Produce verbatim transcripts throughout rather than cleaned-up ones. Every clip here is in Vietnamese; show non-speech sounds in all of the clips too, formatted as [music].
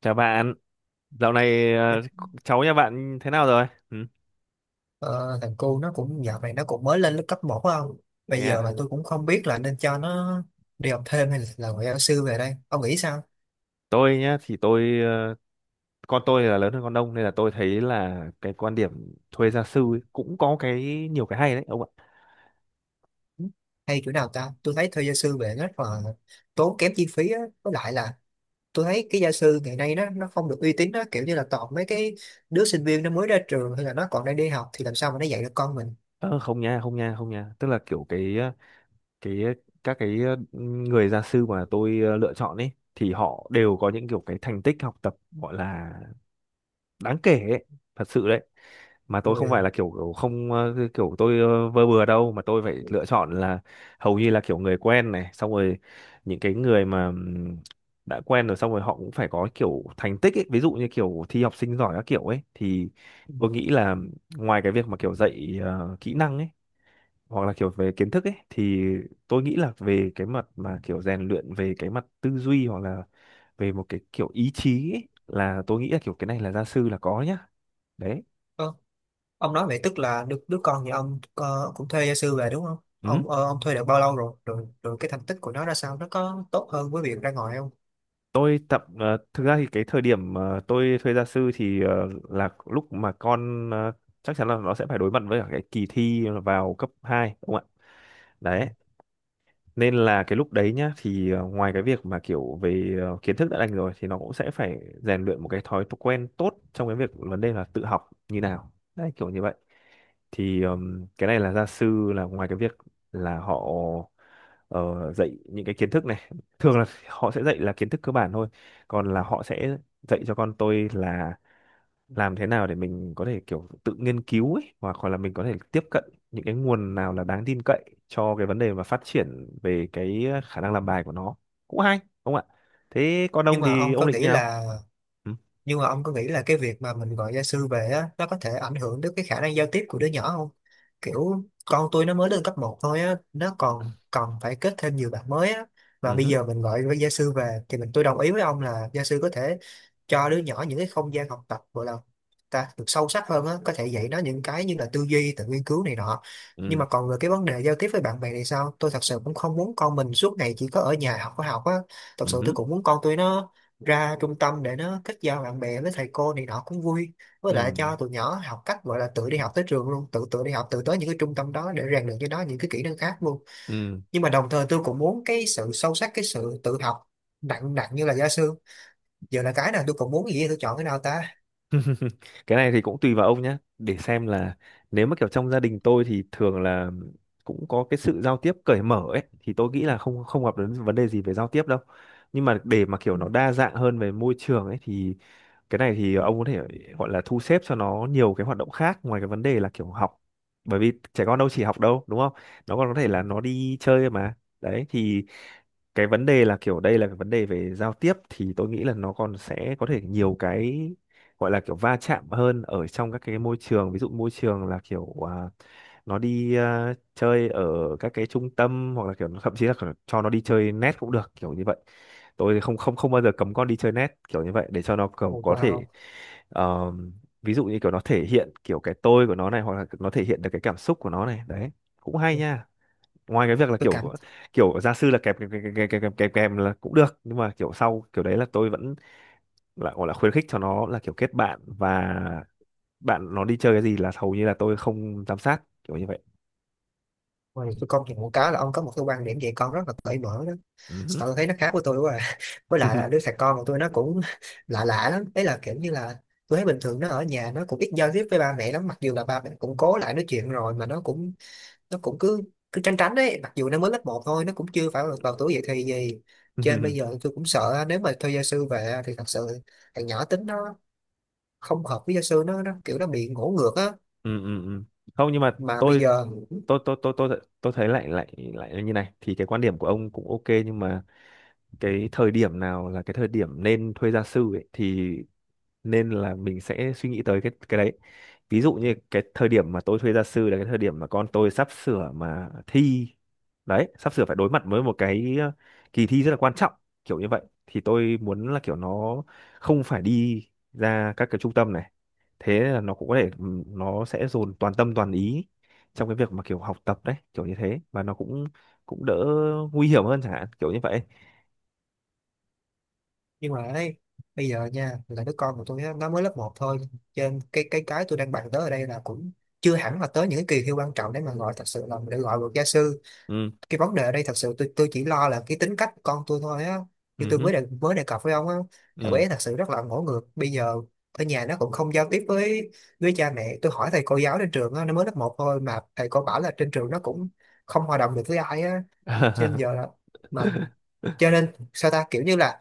Chào bạn, dạo này ờ, cháu nhà bạn thế nào rồi? Ừ, Ờ, Thằng cu nó cũng dạo này nó cũng mới lên lớp cấp một không? thế Bây giờ à? mà tôi cũng không biết là nên cho nó đi học thêm hay là làm ngoại giao sư về đây. Ông nghĩ sao? Tôi nhá thì tôi ờ, con tôi là lớn hơn con Đông nên là tôi thấy là cái quan điểm thuê gia sư ấy cũng có cái nhiều cái hay đấy ông ạ. Ừ. Hay chỗ nào ta? Tôi thấy thuê gia sư về rất là tốn kém chi phí á. Với lại là tôi thấy cái gia sư ngày nay nó nó không được uy tín đó. Kiểu như là toàn mấy cái đứa sinh viên nó mới ra trường hay là nó còn đang đi học thì làm sao mà nó dạy được con mình. Ờ, Không nha, không nha, không nha. Tức là kiểu cái ờ, cái ờ, các cái ờ, người gia sư mà tôi ờ, lựa chọn ấy thì họ đều có những kiểu cái thành tích học tập gọi là đáng kể ấy, thật sự đấy. Mà tôi không phải là kiểu, kiểu không ờ, kiểu tôi ờ, vơ bừa đâu, mà tôi phải lựa chọn là hầu như là kiểu người quen này, xong rồi những cái người mà ừm, đã quen rồi, xong rồi họ cũng phải có kiểu thành tích ấy, ví dụ như kiểu thi học sinh giỏi các kiểu ấy, thì tôi nghĩ là ngoài cái việc mà kiểu dạy ờ, kỹ năng ấy hoặc là kiểu về kiến thức ấy, thì tôi nghĩ là về cái mặt mà kiểu rèn luyện về cái mặt tư duy hoặc là về một cái kiểu ý chí ấy, là tôi nghĩ là kiểu cái này là gia sư là có nhá, đấy. Ui. Ông nói vậy tức là đứa, đứa con nhà ông ờ, cũng thuê gia sư về đúng không? Ừ, Ông ờ, ông thuê được bao lâu rồi? Rồi rồi cái thành tích của nó ra sao? Nó có tốt hơn với việc ra ngoài không? tôi tập ờ, thực ra thì cái thời điểm ờ, tôi thuê gia sư thì ờ, là lúc mà con ờ, chắc chắn là nó sẽ phải đối mặt với cả cái kỳ thi vào cấp hai, đúng không ạ? Đấy, nên là cái lúc đấy nhá, thì ờ, ngoài cái việc mà kiểu về ờ, kiến thức đã đành rồi thì nó cũng sẽ phải rèn luyện một cái thói quen tốt trong cái việc vấn đề là tự học như nào đấy, kiểu như vậy, thì ừm, cái này là gia sư là ngoài cái việc là họ ờ, dạy những cái kiến thức này, thường là họ sẽ dạy là kiến thức cơ bản thôi, còn là họ sẽ dạy cho con tôi là làm thế nào để mình có thể kiểu tự nghiên cứu ấy, hoặc hoặc là mình có thể tiếp cận những cái nguồn nào là đáng tin cậy cho cái vấn đề mà phát triển về cái khả năng làm bài của nó. Cũng hay đúng không ạ? Thế con Nhưng ông mà thì ông ông có định như nghĩ nào? là Ừ, nhưng mà ông có nghĩ là cái việc mà mình gọi gia sư về á nó có thể ảnh hưởng đến cái khả năng giao tiếp của đứa nhỏ không? Kiểu con tôi nó mới lên cấp một thôi á, nó còn còn phải kết thêm nhiều bạn mới á. Mà bây ừ, giờ mình gọi với gia sư về thì mình tôi đồng ý với ông là gia sư có thể cho đứa nhỏ những cái không gian học tập gọi là ta được sâu sắc hơn á, có thể dạy nó những cái như là tư duy tự nghiên cứu này nọ. Nhưng ừ, mà còn về cái vấn đề giao tiếp với bạn bè thì sao, tôi thật sự cũng không muốn con mình suốt ngày chỉ có ở nhà học có học á. Thật ừ, sự tôi ừ, cũng muốn con tôi nó ra trung tâm để nó kết giao bạn bè với thầy cô này nọ cũng vui. Với ừ, lại cho tụi nhỏ học cách gọi là tự đi học tới trường luôn, tự tự đi học tự tới những cái trung tâm đó để rèn luyện cho nó những cái kỹ năng khác luôn. ừ. Nhưng mà đồng thời tôi cũng muốn cái sự sâu sắc, cái sự tự học nặng nặng như là gia sư. Giờ là cái nào tôi cũng muốn, gì tôi chọn cái nào ta. [laughs] Cái này thì cũng tùy vào ông nhé, để xem là nếu mà kiểu trong gia đình tôi thì thường là cũng có cái sự giao tiếp cởi mở ấy, thì tôi nghĩ là không không gặp đến vấn đề gì về giao tiếp đâu. Nhưng mà để mà kiểu nó đa dạng hơn về môi trường ấy thì cái này thì ông có thể gọi là thu xếp cho nó nhiều cái hoạt động khác ngoài cái vấn đề là kiểu học, bởi vì trẻ con đâu chỉ học đâu, đúng không? Nó còn có thể là nó đi chơi mà. Đấy thì cái vấn đề là kiểu đây là cái vấn đề về giao tiếp thì tôi nghĩ là nó còn sẽ có thể nhiều cái gọi là kiểu va chạm hơn ở trong các cái môi trường, ví dụ môi trường là kiểu à, nó đi à, chơi ở các cái trung tâm, hoặc là kiểu thậm chí là kiểu cho nó đi chơi net cũng được, kiểu như vậy. Tôi thì không không không bao giờ cấm con đi chơi net kiểu như vậy, để cho nó kiểu có thể Vào ờ, ví dụ như kiểu nó thể hiện kiểu cái tôi của nó này, hoặc là nó thể hiện được cái cảm xúc của nó này. Đấy, cũng hay nha. Ngoài cái việc là tôi kiểu cảm. kiểu gia sư là kèm kèm kèm kèm kèm kèm kèm kèm là cũng được, nhưng mà kiểu sau kiểu đấy là tôi vẫn là gọi là khuyến khích cho nó là kiểu kết bạn, và bạn nó đi chơi cái gì là hầu như là tôi không giám sát kiểu như vậy. Ôi, tôi công nhận một cái là ông có một cái quan điểm về con rất là cởi mở đó. Ừ. Sao tôi thấy nó khác với tôi quá à. [laughs] Với lại [laughs] là đứa thằng con của tôi nó cũng [laughs] lạ lạ lắm đấy, là kiểu như là tôi thấy bình thường nó ở nhà nó cũng ít giao tiếp với ba mẹ lắm, mặc dù là ba mẹ cũng cố lại nói chuyện rồi mà nó cũng nó cũng cứ cứ tránh tránh đấy. Mặc dù nó mới lớp một thôi, nó cũng chưa phải vào, vào tuổi dậy thì gì. Cho nên bây Ừ, giờ tôi cũng sợ nếu mà thuê gia sư về thì thật sự thằng nhỏ tính nó không hợp với gia sư, nó, nó kiểu nó bị ngổ ngược á. ừ, ừ. [laughs] Không, nhưng mà mà bây tôi giờ tôi tôi tôi tôi tôi thấy lại lại lại là như này thì cái quan điểm của ông cũng ok nhưng mà cái thời điểm nào là cái thời điểm nên thuê gia sư ấy thì nên là mình sẽ suy nghĩ tới cái cái đấy. Ví dụ như cái thời điểm mà tôi thuê gia sư là cái thời điểm mà con tôi sắp sửa mà thi, đấy, sắp sửa phải đối mặt với một cái ờ, kỳ thi rất là quan trọng, kiểu như vậy thì tôi muốn là kiểu nó không phải đi ra các cái trung tâm này, thế là nó cũng có thể ừm, nó sẽ dồn toàn tâm toàn ý trong cái việc mà kiểu học tập, đấy kiểu như thế, và nó cũng cũng đỡ nguy hiểm hơn chẳng hạn kiểu như vậy. nhưng mà ấy bây giờ nha là đứa con của tôi á, nó mới lớp một thôi, cho nên cái cái cái tôi đang bàn tới ở đây là cũng chưa hẳn là tới những cái kỳ thi quan trọng để mà gọi thật sự là để gọi được gia sư. Ừ, Cái vấn đề ở đây thật sự tôi tôi chỉ lo là cái tính cách của con tôi thôi á. Như ừ tôi hứ, mới đề, mới đề cập với ông á, thằng ừ. bé thật sự rất là ngỗ ngược. Bây giờ ở nhà nó cũng không giao tiếp với với cha mẹ. Tôi hỏi thầy cô giáo trên trường á, nó mới lớp một thôi mà thầy cô bảo là trên trường nó cũng không hòa đồng được với ai á. cho nên giờ [laughs] là mà cho nên sao ta, kiểu như là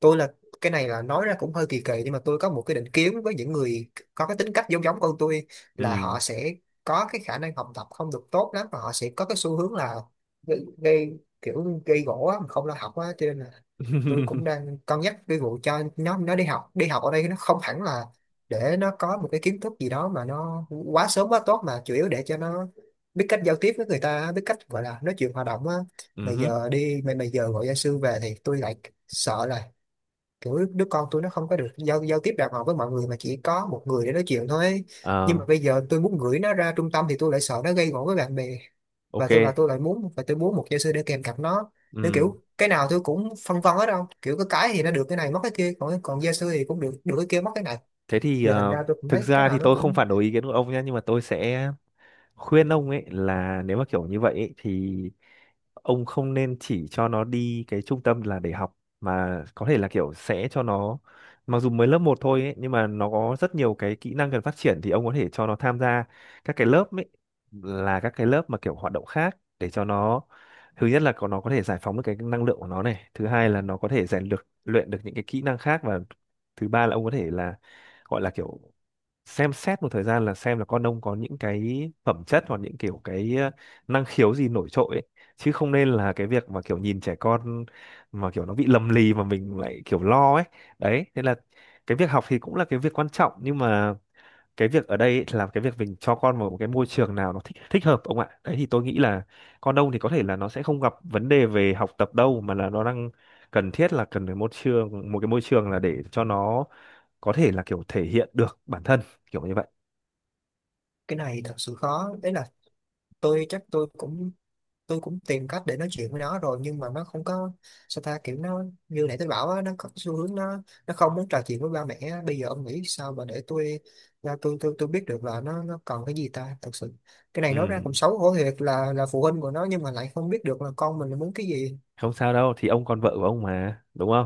tôi là, cái này là nói ra cũng hơi kỳ kỳ nhưng mà tôi có một cái định kiến với những người có cái tính cách giống giống con tôi, là Ừ. họ sẽ có cái khả năng học tập không được tốt lắm và họ sẽ có cái xu hướng là gây, gây kiểu gây gổ á, mà không lo học á. Cho nên là tôi cũng [laughs] đang cân nhắc cái vụ cho nó nó đi học đi học ở đây. Nó không hẳn là để nó có một cái kiến thức gì đó mà nó quá sớm quá tốt, mà chủ yếu để cho nó biết cách giao tiếp với người ta, biết cách gọi là nói chuyện hòa đồng á. mà Ừ. giờ đi mà, mà giờ gọi gia sư về thì tôi lại sợ là kiểu đứa con tôi nó không có được giao giao tiếp đàng hoàng với mọi người mà chỉ có một người để nói chuyện thôi ấy. Nhưng Ờ, mà bây giờ tôi muốn gửi nó ra trung tâm thì tôi lại sợ nó gây gổ với bạn bè. và tôi và ok. tôi lại muốn, và tôi muốn một giáo sư để kèm cặp nó. Nên Ừ. kiểu cái nào tôi cũng phân vân hết đâu, kiểu cái cái thì nó được cái này mất cái kia, còn còn gia sư thì cũng được được cái kia mất cái này. Thế thì Rồi thành ờ, ra tôi cũng thực thấy cái ra nào thì nó tôi không cũng, phản đối ý kiến của ông nhé, nhưng mà tôi sẽ khuyên ông ấy là nếu mà kiểu như vậy ấy, thì ông không nên chỉ cho nó đi cái trung tâm là để học, mà có thể là kiểu sẽ cho nó, mặc dù mới lớp một thôi ấy, nhưng mà nó có rất nhiều cái kỹ năng cần phát triển thì ông có thể cho nó tham gia các cái lớp ấy, là các cái lớp mà kiểu hoạt động khác để cho nó, thứ nhất là có nó có thể giải phóng được cái năng lượng của nó này, thứ hai là nó có thể rèn được luyện được những cái kỹ năng khác, và thứ ba là ông có thể là gọi là kiểu xem xét một thời gian là xem là con ông có những cái phẩm chất hoặc những kiểu cái ờ, năng khiếu gì nổi trội ấy. Chứ không nên là cái việc mà kiểu nhìn trẻ con mà kiểu nó bị lầm lì mà mình lại kiểu lo ấy. Đấy, thế là cái việc học thì cũng là cái việc quan trọng nhưng mà cái việc ở đây ấy là cái việc mình cho con vào một cái môi trường nào nó thích thích hợp ông ạ. Đấy thì tôi nghĩ là con ông thì có thể là nó sẽ không gặp vấn đề về học tập đâu, mà là nó đang cần thiết là cần phải môi trường, một cái môi trường là để cho nó có thể là kiểu thể hiện được bản thân kiểu như vậy. cái này thật sự khó đấy. Là tôi chắc tôi cũng tôi cũng tìm cách để nói chuyện với nó rồi nhưng mà nó không có. Sao ta, kiểu nó như nãy tôi bảo á, nó có xu hướng nó nó không muốn trò chuyện với ba mẹ á. Bây giờ ông nghĩ sao mà để tôi là tôi tôi tôi biết được là nó nó cần cái gì ta thật sự. Cái này nói ra Ừ, cũng xấu hổ thiệt, là là phụ huynh của nó nhưng mà lại không biết được là con mình muốn cái gì. không sao đâu, thì ông còn vợ của ông mà, đúng không?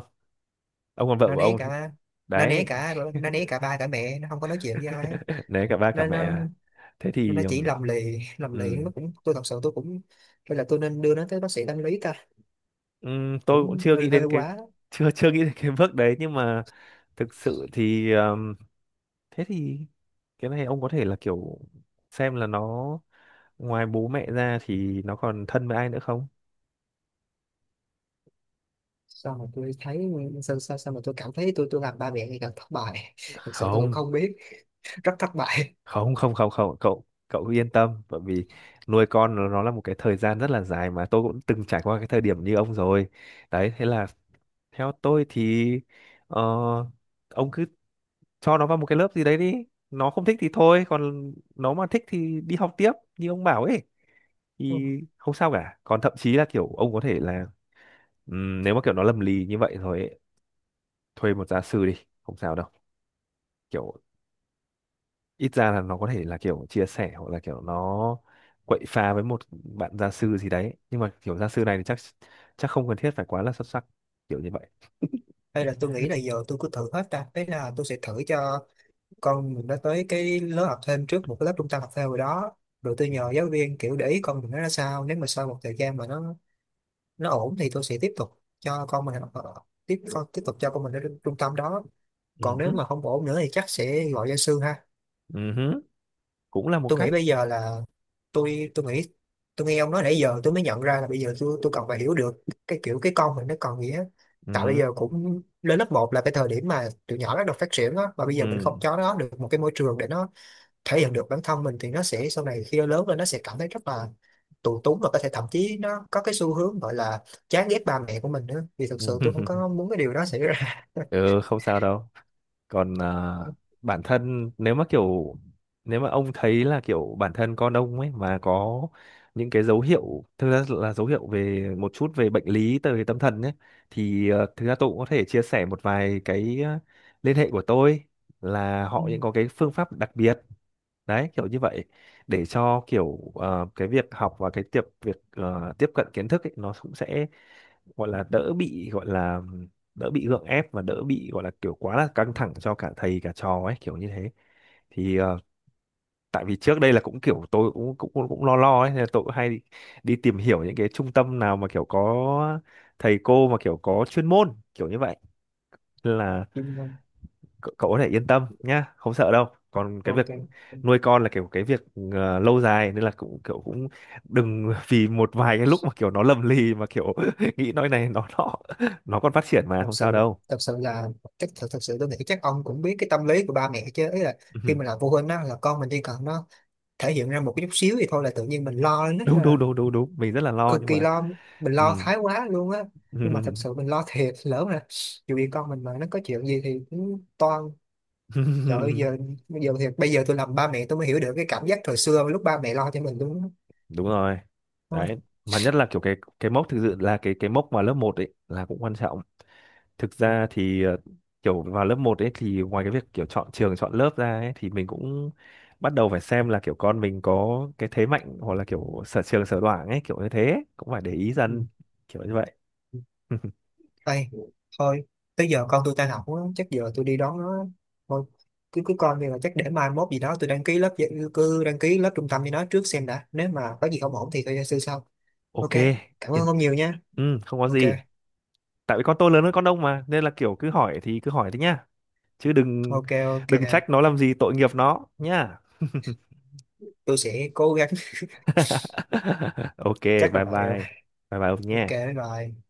Ông còn vợ Nó của né ông thì cả nó né đấy. cả nó né cả ba cả mẹ, nó không có nói chuyện với ai á. [laughs] Đấy cả ba cả nó mẹ nó à. Thế nó thì chỉ ừm, lầm lì lầm lì, ừm, nó cũng, tôi thật sự tôi cũng, hay là tôi nên đưa nó tới bác sĩ tâm lý ta? ừm, tôi cũng Cũng chưa hơi nghĩ đến hơi cái quá. [laughs] chưa chưa nghĩ đến cái bước đấy nhưng mà thực sự thì ừm, thế thì cái này ông có thể là kiểu xem là nó ngoài bố mẹ ra thì nó còn thân với ai nữa không? Sao mà tôi thấy sao, sao, sao mà tôi cảm thấy tôi tôi làm ba mẹ ngày càng thất bại. [laughs] Thực sự tôi cũng Không, không biết. [laughs] Rất thất bại. [laughs] không không không không cậu cậu cứ yên tâm, bởi vì nuôi con nó, nó là một cái thời gian rất là dài mà tôi cũng từng trải qua cái thời điểm như ông rồi. Đấy thế là theo tôi thì ờ, ông cứ cho nó vào một cái lớp gì đấy đi, nó không thích thì thôi, còn nó mà thích thì đi học tiếp như ông bảo ấy Ừ. thì không sao cả. Còn thậm chí là kiểu ông có thể là ừm, nếu mà kiểu nó lầm lì như vậy rồi ấy, thuê một gia sư đi, không sao đâu, kiểu ít ra là nó có thể là kiểu chia sẻ hoặc là kiểu nó quậy phá với một bạn gia sư gì đấy, nhưng mà kiểu gia sư này thì chắc chắc không cần thiết phải quá là xuất sắc kiểu như vậy. Hay là tôi nghĩ là giờ tôi cứ thử hết ta. Thế là tôi sẽ thử cho con mình nó tới cái lớp học thêm trước, một cái lớp trung tâm học thêm rồi đó. Rồi tôi Ừ. nhờ giáo viên kiểu để ý con mình nó ra sao, nếu mà sau một thời gian mà nó nó ổn thì tôi sẽ tiếp tục cho con mình học ở- tiếp tiếp tục cho con mình đến trung tâm đó. Còn nếu Ừ. mà không ổn nữa thì chắc sẽ gọi gia sư ha. Ừ. Cũng là một Tôi nghĩ cách. bây giờ là, tôi tôi nghĩ, tôi nghe ông nói nãy giờ tôi mới nhận ra là bây giờ tôi tôi cần phải hiểu được cái kiểu cái con mình nó còn nghĩa. Tại bây Ừ. giờ cũng lên lớp một là cái thời điểm mà tụi nhỏ bắt đầu phát triển á, và bây giờ mình Ừ. không cho nó được một cái môi trường để nó thể hiện được bản thân mình thì nó sẽ, sau này khi nó lớn lên nó sẽ cảm thấy rất là tù túng và có thể thậm chí nó có cái xu hướng gọi là chán ghét ba mẹ của mình nữa, vì thực sự tôi [laughs] không Ừ. có muốn cái điều đó xảy ra. Ừ, không sao đâu. Còn à, bản thân nếu mà kiểu, nếu mà ông thấy là kiểu bản thân con ông ấy mà có những cái dấu hiệu, thực ra là dấu hiệu về một chút về bệnh lý từ tâm thần ấy, thì ờ, thực ra tôi cũng có thể chia sẻ một vài cái ờ, liên hệ của tôi là Ừ, họ những có cái phương pháp đặc biệt đấy kiểu như vậy, để cho kiểu ờ, cái việc học và cái tiệp việc ờ, tiếp cận kiến thức ấy, nó cũng sẽ gọi là đỡ bị, gọi là đỡ bị gượng ép và đỡ bị gọi là kiểu quá là căng thẳng cho cả thầy cả trò ấy kiểu như thế. Thì ờ, tại vì trước đây là cũng kiểu tôi cũng cũng cũng, cũng lo lo ấy nên là tôi cũng hay đi, đi tìm hiểu những cái trung tâm nào mà kiểu có thầy cô mà kiểu có chuyên môn kiểu như vậy. Nên là đúng rồi. cậu, cậu có thể yên tâm nhá, không sợ đâu. Còn cái Ok, việc nuôi con là kiểu cái việc ờ, lâu dài nên là cũng kiểu cũng đừng [laughs] vì một vài cái lúc mà kiểu nó lầm lì mà kiểu [laughs] nghĩ nói này nó nọ, nó còn phát triển mà, thật không sự, sao đâu. thật sự là chắc thật, thật sự tôi nghĩ chắc ông cũng biết cái tâm lý của ba mẹ chứ, ý là [laughs] khi Ừ, mà làm phụ huynh á là con mình chỉ cần nó thể hiện ra một cái chút xíu thì thôi là tự nhiên mình lo lên rất đúng đúng là đúng đúng đúng, mình rất là lo cực nhưng kỳ mà lo, mình lo ừ. thái quá luôn á. Nhưng mà thật Ừ. sự mình lo thiệt, lỡ mà dù gì con mình mà nó có chuyện gì thì cũng toan, trời ơi [laughs] giờ, bây giờ thiệt, bây giờ tôi làm ba mẹ tôi mới hiểu được cái cảm giác thời xưa lúc ba mẹ lo cho mình luôn á. Đúng rồi. Thôi. Đấy mà nhất là kiểu cái cái mốc, thực sự là cái cái mốc mà lớp một ấy là cũng quan trọng. Thực ra thì ờ, kiểu vào lớp một ấy thì ngoài cái việc kiểu chọn trường chọn lớp ra ấy thì mình cũng bắt đầu phải xem là kiểu con mình có cái thế mạnh hoặc là kiểu sở trường sở đoản ấy, kiểu như thế ấy. Cũng phải để ý Ừ. dần kiểu như vậy. [laughs] Ê, thôi, tới giờ con tôi tan học á, chắc giờ tôi đi đón nó. Thôi, cứ cứ coi đi, là chắc để mai mốt gì đó tôi đăng ký lớp dạy- cứ đăng ký lớp trung tâm với nó trước xem đã. Nếu mà có gì không ổn thì tôi sư sau. Ok, Ok, cảm yên. ơn ông nhiều nha. Ừ, không có Ok, gì. Tại vì con tôi lớn hơn con ông mà nên là kiểu cứ hỏi thì cứ hỏi thế nhá. Chứ đừng ok, ok. đừng trách nó làm gì tội nghiệp nó nhá. Tôi sẽ cố gắng. [laughs] [laughs] Ok, Chắc là bye vậy rồi. bye. Bye bye ông Ok, nhé. bye bye.